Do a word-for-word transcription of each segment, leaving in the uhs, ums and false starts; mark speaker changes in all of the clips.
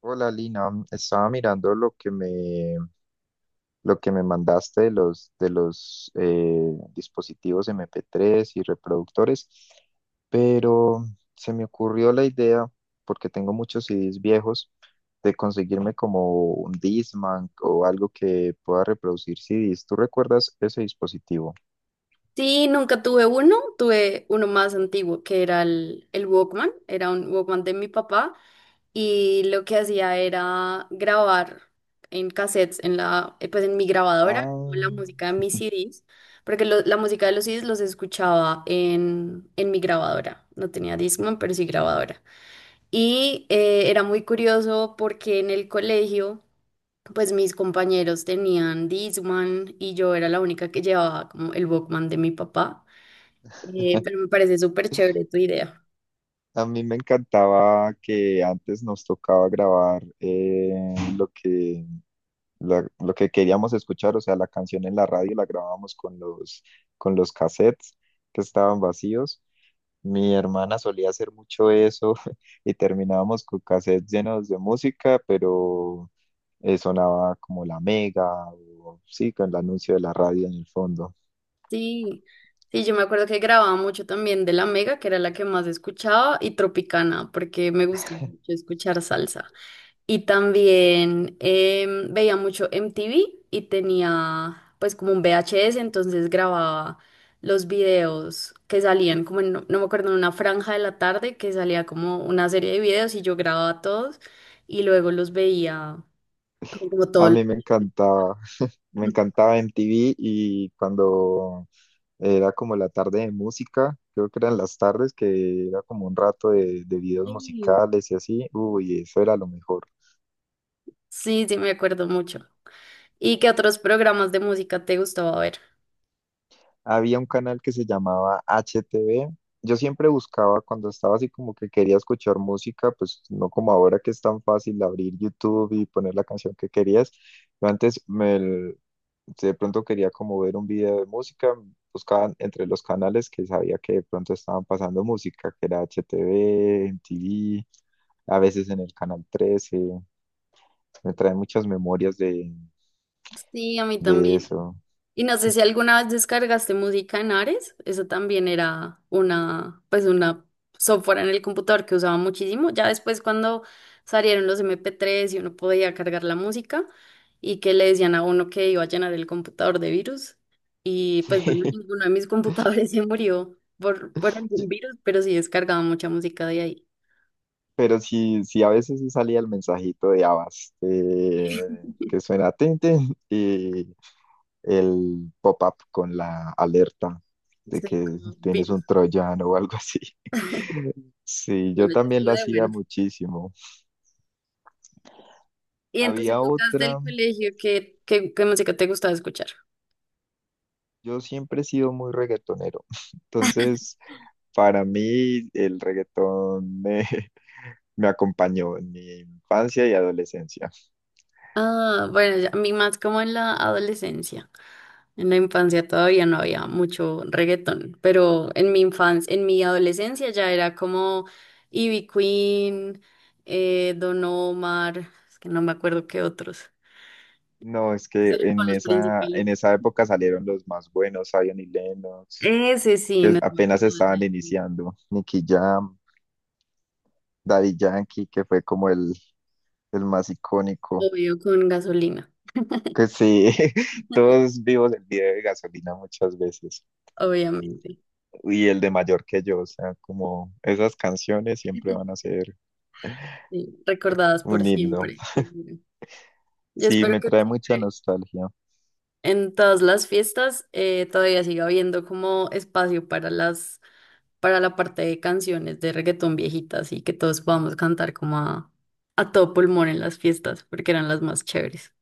Speaker 1: Hola Lina. Mm, estaba mirando lo que me, lo que me mandaste de los, de los eh, dispositivos M P tres y reproductores. Pero se me ocurrió la idea, porque tengo muchos C Ds viejos, de conseguirme como un Discman o algo que pueda reproducir C Ds. ¿Tú recuerdas ese dispositivo?
Speaker 2: Sí, nunca tuve uno. Tuve uno más antiguo que era el, el Walkman. Era un Walkman de mi papá y lo que hacía era grabar en cassettes, en la, eh, pues en mi grabadora, como
Speaker 1: Ah,
Speaker 2: la música de mis C Ds, porque lo- la música de los C Ds los escuchaba en, en mi grabadora. No tenía Discman, pero sí grabadora. Y eh, era muy curioso porque en el colegio pues mis compañeros tenían Discman y yo era la única que llevaba como el Walkman de mi papá. Eh, pero me parece súper chévere tu idea.
Speaker 1: a mí me encantaba que antes nos tocaba grabar eh, lo que la- lo que queríamos escuchar. O sea, la canción en la radio la grabábamos con los, con los cassettes que estaban vacíos. Mi hermana solía hacer mucho eso y terminábamos con cassettes llenos de música, pero eh, sonaba como la Mega, o sí, con el anuncio de la radio en el fondo.
Speaker 2: Sí, sí, yo me acuerdo que grababa mucho también de La Mega, que era la que más escuchaba, y Tropicana, porque me gusta mucho escuchar salsa. Y también em, veía mucho M T V y tenía pues como un V H S, entonces grababa los videos que salían, como en- no me acuerdo, en una franja de la tarde que salía como una serie de videos y yo grababa todos y luego los veía como
Speaker 1: A
Speaker 2: todos. los-
Speaker 1: mí me encantaba, me encantaba M T V. Y cuando Era como la tarde de música. Creo que eran las tardes, que era como un rato de, de videos musicales y así. Uy, eso era lo mejor.
Speaker 2: Sí, sí, me acuerdo mucho. ¿Y qué otros programas de música te gustaba ver?
Speaker 1: Había un canal que se llamaba H T V. Yo siempre buscaba cuando estaba así como que quería escuchar música, pues no como ahora que es tan fácil abrir YouTube y poner la canción que querías. Yo antes me, si de pronto quería como ver un video de música, buscaban entre los canales que sabía que de pronto estaban pasando música, que era H T V, M T V. A veces en el Canal trece, me trae muchas memorias de,
Speaker 2: Sí, a mí
Speaker 1: de
Speaker 2: también.
Speaker 1: eso.
Speaker 2: Y no sé si alguna vez descargaste música en Ares. Eso también era una, pues una software en el computador que usaba muchísimo. Ya después cuando salieron los m p tres y uno podía cargar la música y que le decían a uno que iba a llenar el computador de virus. Y pues bueno,
Speaker 1: Sí.
Speaker 2: ninguno de mis computadores se murió por, por algún virus, pero sí descargaba mucha música de ahí.
Speaker 1: Pero sí, sí, a veces sí salía el mensajito de Avas, eh, que suena tinte y el pop-up con la alerta de
Speaker 2: Sí,
Speaker 1: que
Speaker 2: como
Speaker 1: tienes un
Speaker 2: virus.
Speaker 1: troyano o algo así. Sí, yo
Speaker 2: Bueno, ya
Speaker 1: también
Speaker 2: estuvo
Speaker 1: lo
Speaker 2: de
Speaker 1: hacía
Speaker 2: bueno.
Speaker 1: muchísimo.
Speaker 2: Y en tus
Speaker 1: Había
Speaker 2: épocas del
Speaker 1: otra,
Speaker 2: colegio, ¿qué, qué, qué música te gustaba escuchar?
Speaker 1: yo siempre he sido muy reggaetonero, entonces para mí el reggaetón eh, me acompañó en mi infancia y adolescencia.
Speaker 2: Ah, bueno, ya- a mí más como en la adolescencia. En la infancia todavía no había mucho reggaetón, pero en mi infancia, en mi adolescencia ya era como Ivy Queen, eh, Don Omar, es que no me acuerdo qué otros.
Speaker 1: No, es
Speaker 2: Esos
Speaker 1: que
Speaker 2: eran como
Speaker 1: en
Speaker 2: los
Speaker 1: esa, en
Speaker 2: principales.
Speaker 1: esa época salieron los más buenos: Zion y Lennox,
Speaker 2: Ese sí,
Speaker 1: que
Speaker 2: no me acuerdo
Speaker 1: apenas
Speaker 2: más de
Speaker 1: estaban
Speaker 2: ellos.
Speaker 1: iniciando, Nicky Jam, Daddy Yankee, que fue como el, el más icónico.
Speaker 2: Obvio, con gasolina,
Speaker 1: Que sí, todos vivos el video de gasolina muchas veces.
Speaker 2: obviamente.
Speaker 1: Y el de mayor que yo, o sea, como esas canciones siempre van a ser
Speaker 2: Sí, recordadas por
Speaker 1: un himno.
Speaker 2: siempre, seguro. Yo
Speaker 1: Sí,
Speaker 2: espero
Speaker 1: me
Speaker 2: que
Speaker 1: trae mucha
Speaker 2: siempre
Speaker 1: nostalgia.
Speaker 2: en todas las fiestas eh, todavía siga habiendo como espacio para las, para la parte de canciones de reggaetón viejitas y que todos podamos cantar como a, a todo pulmón en las fiestas, porque eran las más chéveres.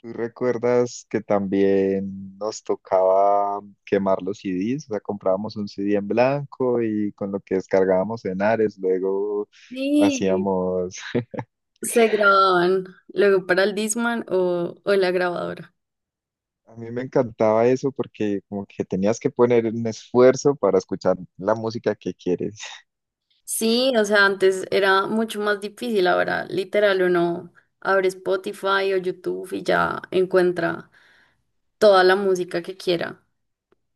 Speaker 1: ¿Tú recuerdas que también nos tocaba quemar los C Ds? O sea, comprábamos un C D en blanco y con lo que descargábamos en Ares, luego
Speaker 2: Sí,
Speaker 1: hacíamos...
Speaker 2: se grababan luego para el Discman o, o la grabadora.
Speaker 1: A mí me encantaba eso porque como que tenías que poner un esfuerzo para escuchar la música que quieres.
Speaker 2: Sí, o sea, antes era mucho más difícil, ahora literal uno abre Spotify o YouTube y ya encuentra toda la música que quiera.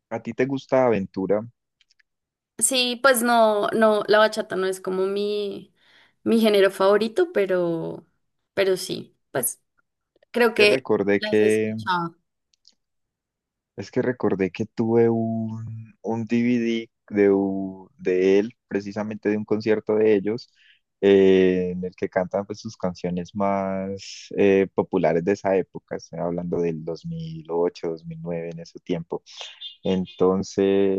Speaker 1: ¿A ti te gusta Aventura?
Speaker 2: Sí, pues no, no, la bachata no es como mi, mi género favorito, pero, pero sí, pues creo
Speaker 1: Que
Speaker 2: que
Speaker 1: recordé
Speaker 2: las he
Speaker 1: que
Speaker 2: escuchado.
Speaker 1: Es que recordé que tuve un, un D V D de, u- de él, precisamente de un concierto de ellos, eh, en el que cantan, pues, sus canciones más eh, populares de esa época. Estoy hablando del dos mil ocho, dos mil nueve, en ese tiempo. Entonces,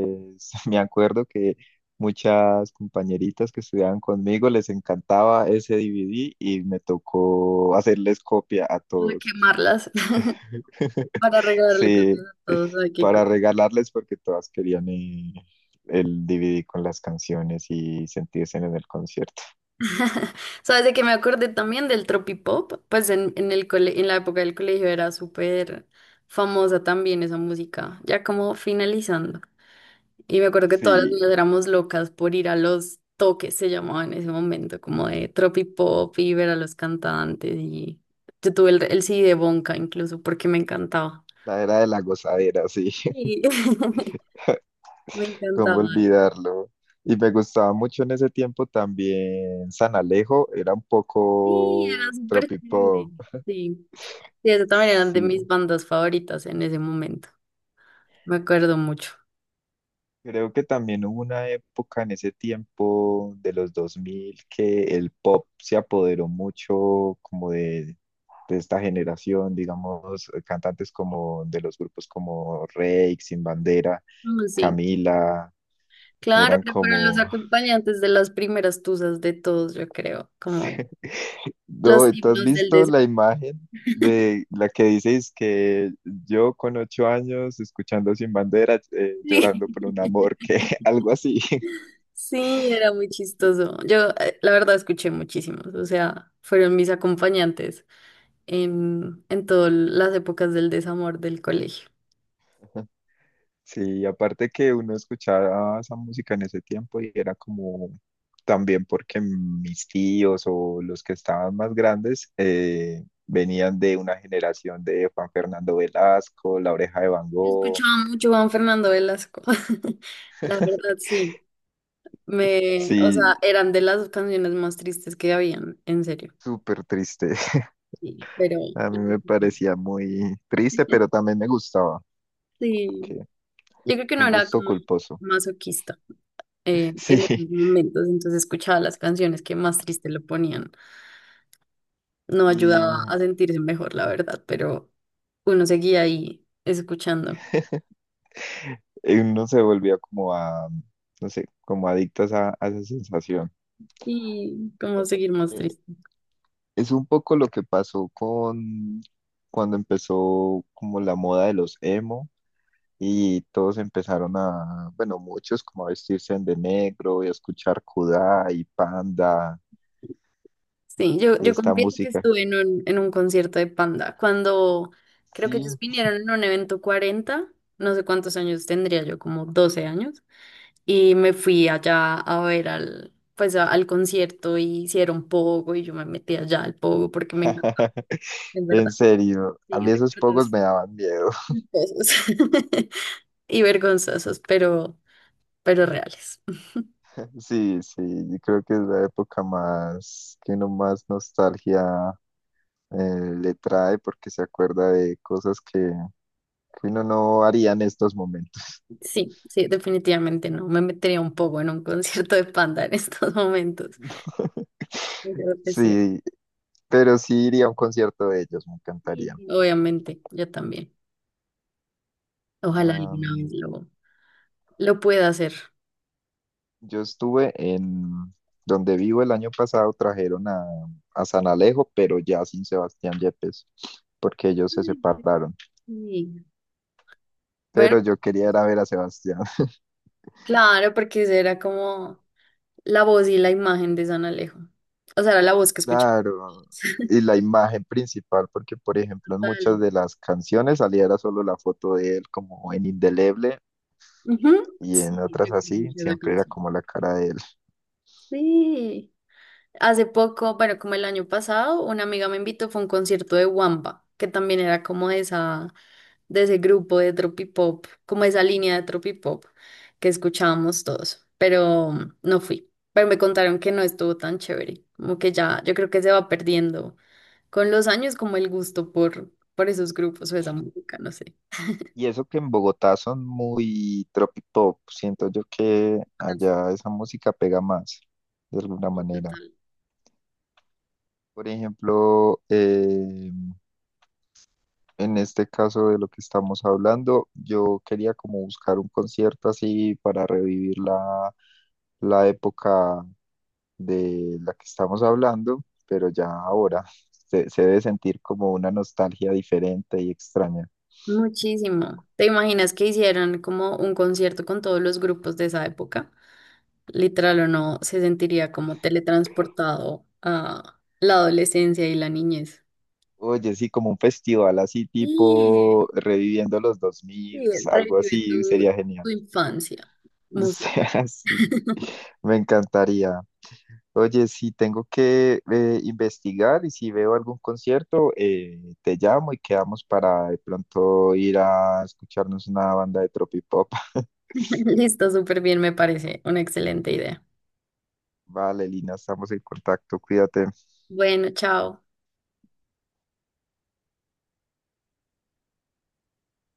Speaker 1: me acuerdo que muchas compañeritas que estudiaban conmigo les encantaba ese D V D y me tocó hacerles copia a
Speaker 2: Voy a
Speaker 1: todos.
Speaker 2: quemarlas para regalarle
Speaker 1: Sí,
Speaker 2: canciones a todos. Ay, qué
Speaker 1: para
Speaker 2: cool.
Speaker 1: regalarles porque todas querían eh, el D V D con las canciones y sentirse en el concierto.
Speaker 2: Sabes de que me acordé también del tropipop, pues en, en el cole- en la época del colegio era súper famosa también esa música, ya como finalizando. Y me acuerdo que todas las
Speaker 1: Sí,
Speaker 2: niñas éramos locas por ir a los toques, se llamaba en ese momento, como de tropipop y ver a los cantantes. Y yo tuve el, el C D de Bonka incluso porque me encantaba.
Speaker 1: la era de la gozadera, sí,
Speaker 2: Sí. Me
Speaker 1: cómo
Speaker 2: encantaba.
Speaker 1: olvidarlo. Y me gustaba mucho en ese tiempo también San Alejo, era un
Speaker 2: Sí, era
Speaker 1: poco
Speaker 2: súper chévere.
Speaker 1: tropipop.
Speaker 2: Sí. Sí, esas también eran de
Speaker 1: Sí,
Speaker 2: mis bandas favoritas en ese momento. Me acuerdo mucho.
Speaker 1: creo que también hubo una época en ese tiempo de los dos mil que el pop se apoderó mucho como de de esta generación, digamos, eh, cantantes como de los grupos como Reik, Sin Bandera,
Speaker 2: Mm, Sí,
Speaker 1: Camila,
Speaker 2: claro,
Speaker 1: eran
Speaker 2: pero fueron los
Speaker 1: como,
Speaker 2: acompañantes de las primeras tuzas de todos, yo creo, como los
Speaker 1: no, ¿tú has
Speaker 2: himnos del
Speaker 1: visto
Speaker 2: deseo.
Speaker 1: la imagen de la que dices que yo con ocho años escuchando Sin Bandera, eh,
Speaker 2: Sí.
Speaker 1: llorando por un amor, que algo así?
Speaker 2: Sí, era muy chistoso. Yo, eh, la verdad, escuché muchísimos, o sea, fueron mis acompañantes en, en todas las épocas del desamor del colegio.
Speaker 1: Sí, aparte que uno escuchaba esa música en ese tiempo y era como también porque mis tíos o los que estaban más grandes eh, venían de una generación de Juan Fernando Velasco, La Oreja de Van
Speaker 2: Yo
Speaker 1: Gogh.
Speaker 2: escuchaba mucho Juan Fernando Velasco, la verdad, sí. Me, o sea,
Speaker 1: Sí,
Speaker 2: eran de las canciones más tristes que habían, en serio.
Speaker 1: súper triste.
Speaker 2: Sí, pero
Speaker 1: A mí me parecía muy triste, pero también me gustaba, que
Speaker 2: sí, yo creo que no
Speaker 1: un
Speaker 2: era
Speaker 1: gusto
Speaker 2: como
Speaker 1: culposo.
Speaker 2: masoquista eh, en
Speaker 1: Sí,
Speaker 2: esos momentos, entonces escuchaba las canciones que más triste lo ponían. No
Speaker 1: y,
Speaker 2: ayudaba a sentirse mejor, la verdad, pero uno seguía ahí escuchando
Speaker 1: y uno se volvía como a, no sé, como adicto a, esa, a esa sensación.
Speaker 2: y como seguir más triste.
Speaker 1: Es un poco lo que pasó con cuando empezó como la moda de los emo y todos empezaron a, bueno, muchos como a vestirse de negro y a escuchar Kudai, y Panda
Speaker 2: Sí, yo,
Speaker 1: y
Speaker 2: yo
Speaker 1: esta
Speaker 2: confieso que
Speaker 1: música.
Speaker 2: estuve en un, en un concierto de Panda cuando creo que ellos
Speaker 1: Sí,
Speaker 2: vinieron en un evento cuarenta, no sé cuántos años tendría yo, como doce años, y me fui allá a ver al, pues a- al concierto y hicieron pogo y yo me metí allá al pogo porque me encantó, en
Speaker 1: en
Speaker 2: verdad.
Speaker 1: serio, a
Speaker 2: Sí,
Speaker 1: mí esos pocos
Speaker 2: recuerdos
Speaker 1: me daban miedo.
Speaker 2: culposos y vergonzosos, pero, pero reales.
Speaker 1: Sí, sí, yo creo que es la época más que uno más nostalgia eh, le trae porque se acuerda de cosas que, que uno no haría en estos momentos.
Speaker 2: Sí, sí, definitivamente no, me metería un poco en un concierto de Panda en estos momentos. Yo creo que sí.
Speaker 1: Sí, pero sí iría a un concierto de ellos, me
Speaker 2: Sí.
Speaker 1: encantaría.
Speaker 2: Obviamente, yo también. Ojalá alguna vez
Speaker 1: Am,
Speaker 2: lo, lo pueda hacer.
Speaker 1: yo estuve en donde vivo el año pasado, trajeron a, a San Alejo, pero ya sin Sebastián Yepes, porque ellos se
Speaker 2: Ay, pues
Speaker 1: separaron.
Speaker 2: sí. Bueno,
Speaker 1: Pero yo quería ir a ver a Sebastián,
Speaker 2: claro, porque esa era como la voz y la imagen de San Alejo. O sea, era la voz que escuché.
Speaker 1: claro. Y la imagen principal, porque por
Speaker 2: Sí.
Speaker 1: ejemplo en
Speaker 2: Total.
Speaker 1: muchas de las canciones salía era solo la foto de él como en indeleble,
Speaker 2: Ujú.
Speaker 1: y en
Speaker 2: Sí, yo
Speaker 1: otras
Speaker 2: creo
Speaker 1: así,
Speaker 2: mucho de esa
Speaker 1: siempre era
Speaker 2: canción.
Speaker 1: como la cara de él.
Speaker 2: Sí. Hace poco, bueno, como el año pasado, una amiga me invitó, fue a un concierto de Wamba, que también era como de esa, de ese grupo de tropipop, como esa línea de tropipop que escuchábamos todos, pero mm, no fui. Pero me contaron que no estuvo tan chévere, como que ya, yo creo que se va perdiendo con los años como el gusto por, por esos grupos o esa música, no sé.
Speaker 1: Y eso que en Bogotá son muy tropipop, siento yo que
Speaker 2: Ah,
Speaker 1: allá esa música pega más, de alguna
Speaker 2: sí,
Speaker 1: manera.
Speaker 2: total.
Speaker 1: Por ejemplo, eh, en este caso de lo que estamos hablando, yo quería como buscar un concierto así para revivir la, la época de la que estamos hablando, pero ya ahora se, se debe sentir como una nostalgia diferente y extraña.
Speaker 2: Muchísimo. ¿Te imaginas que hicieran como un concierto con todos los grupos de esa época? Literal o no, se sentiría como teletransportado a la adolescencia y la niñez.
Speaker 1: Oye, sí, como un festival así
Speaker 2: Sí,
Speaker 1: tipo reviviendo los dos mil,
Speaker 2: sí,
Speaker 1: algo
Speaker 2: revive tu,
Speaker 1: así, sería
Speaker 2: tu
Speaker 1: genial.
Speaker 2: infancia.
Speaker 1: O
Speaker 2: Música.
Speaker 1: sea, sí, me encantaría. Oye, si tengo que eh, investigar y si veo algún concierto, eh, te llamo y quedamos para de pronto ir a escucharnos una banda de tropipop.
Speaker 2: Listo, súper bien, me parece una excelente idea.
Speaker 1: Vale, Lina, estamos en contacto, cuídate.
Speaker 2: Bueno, chao.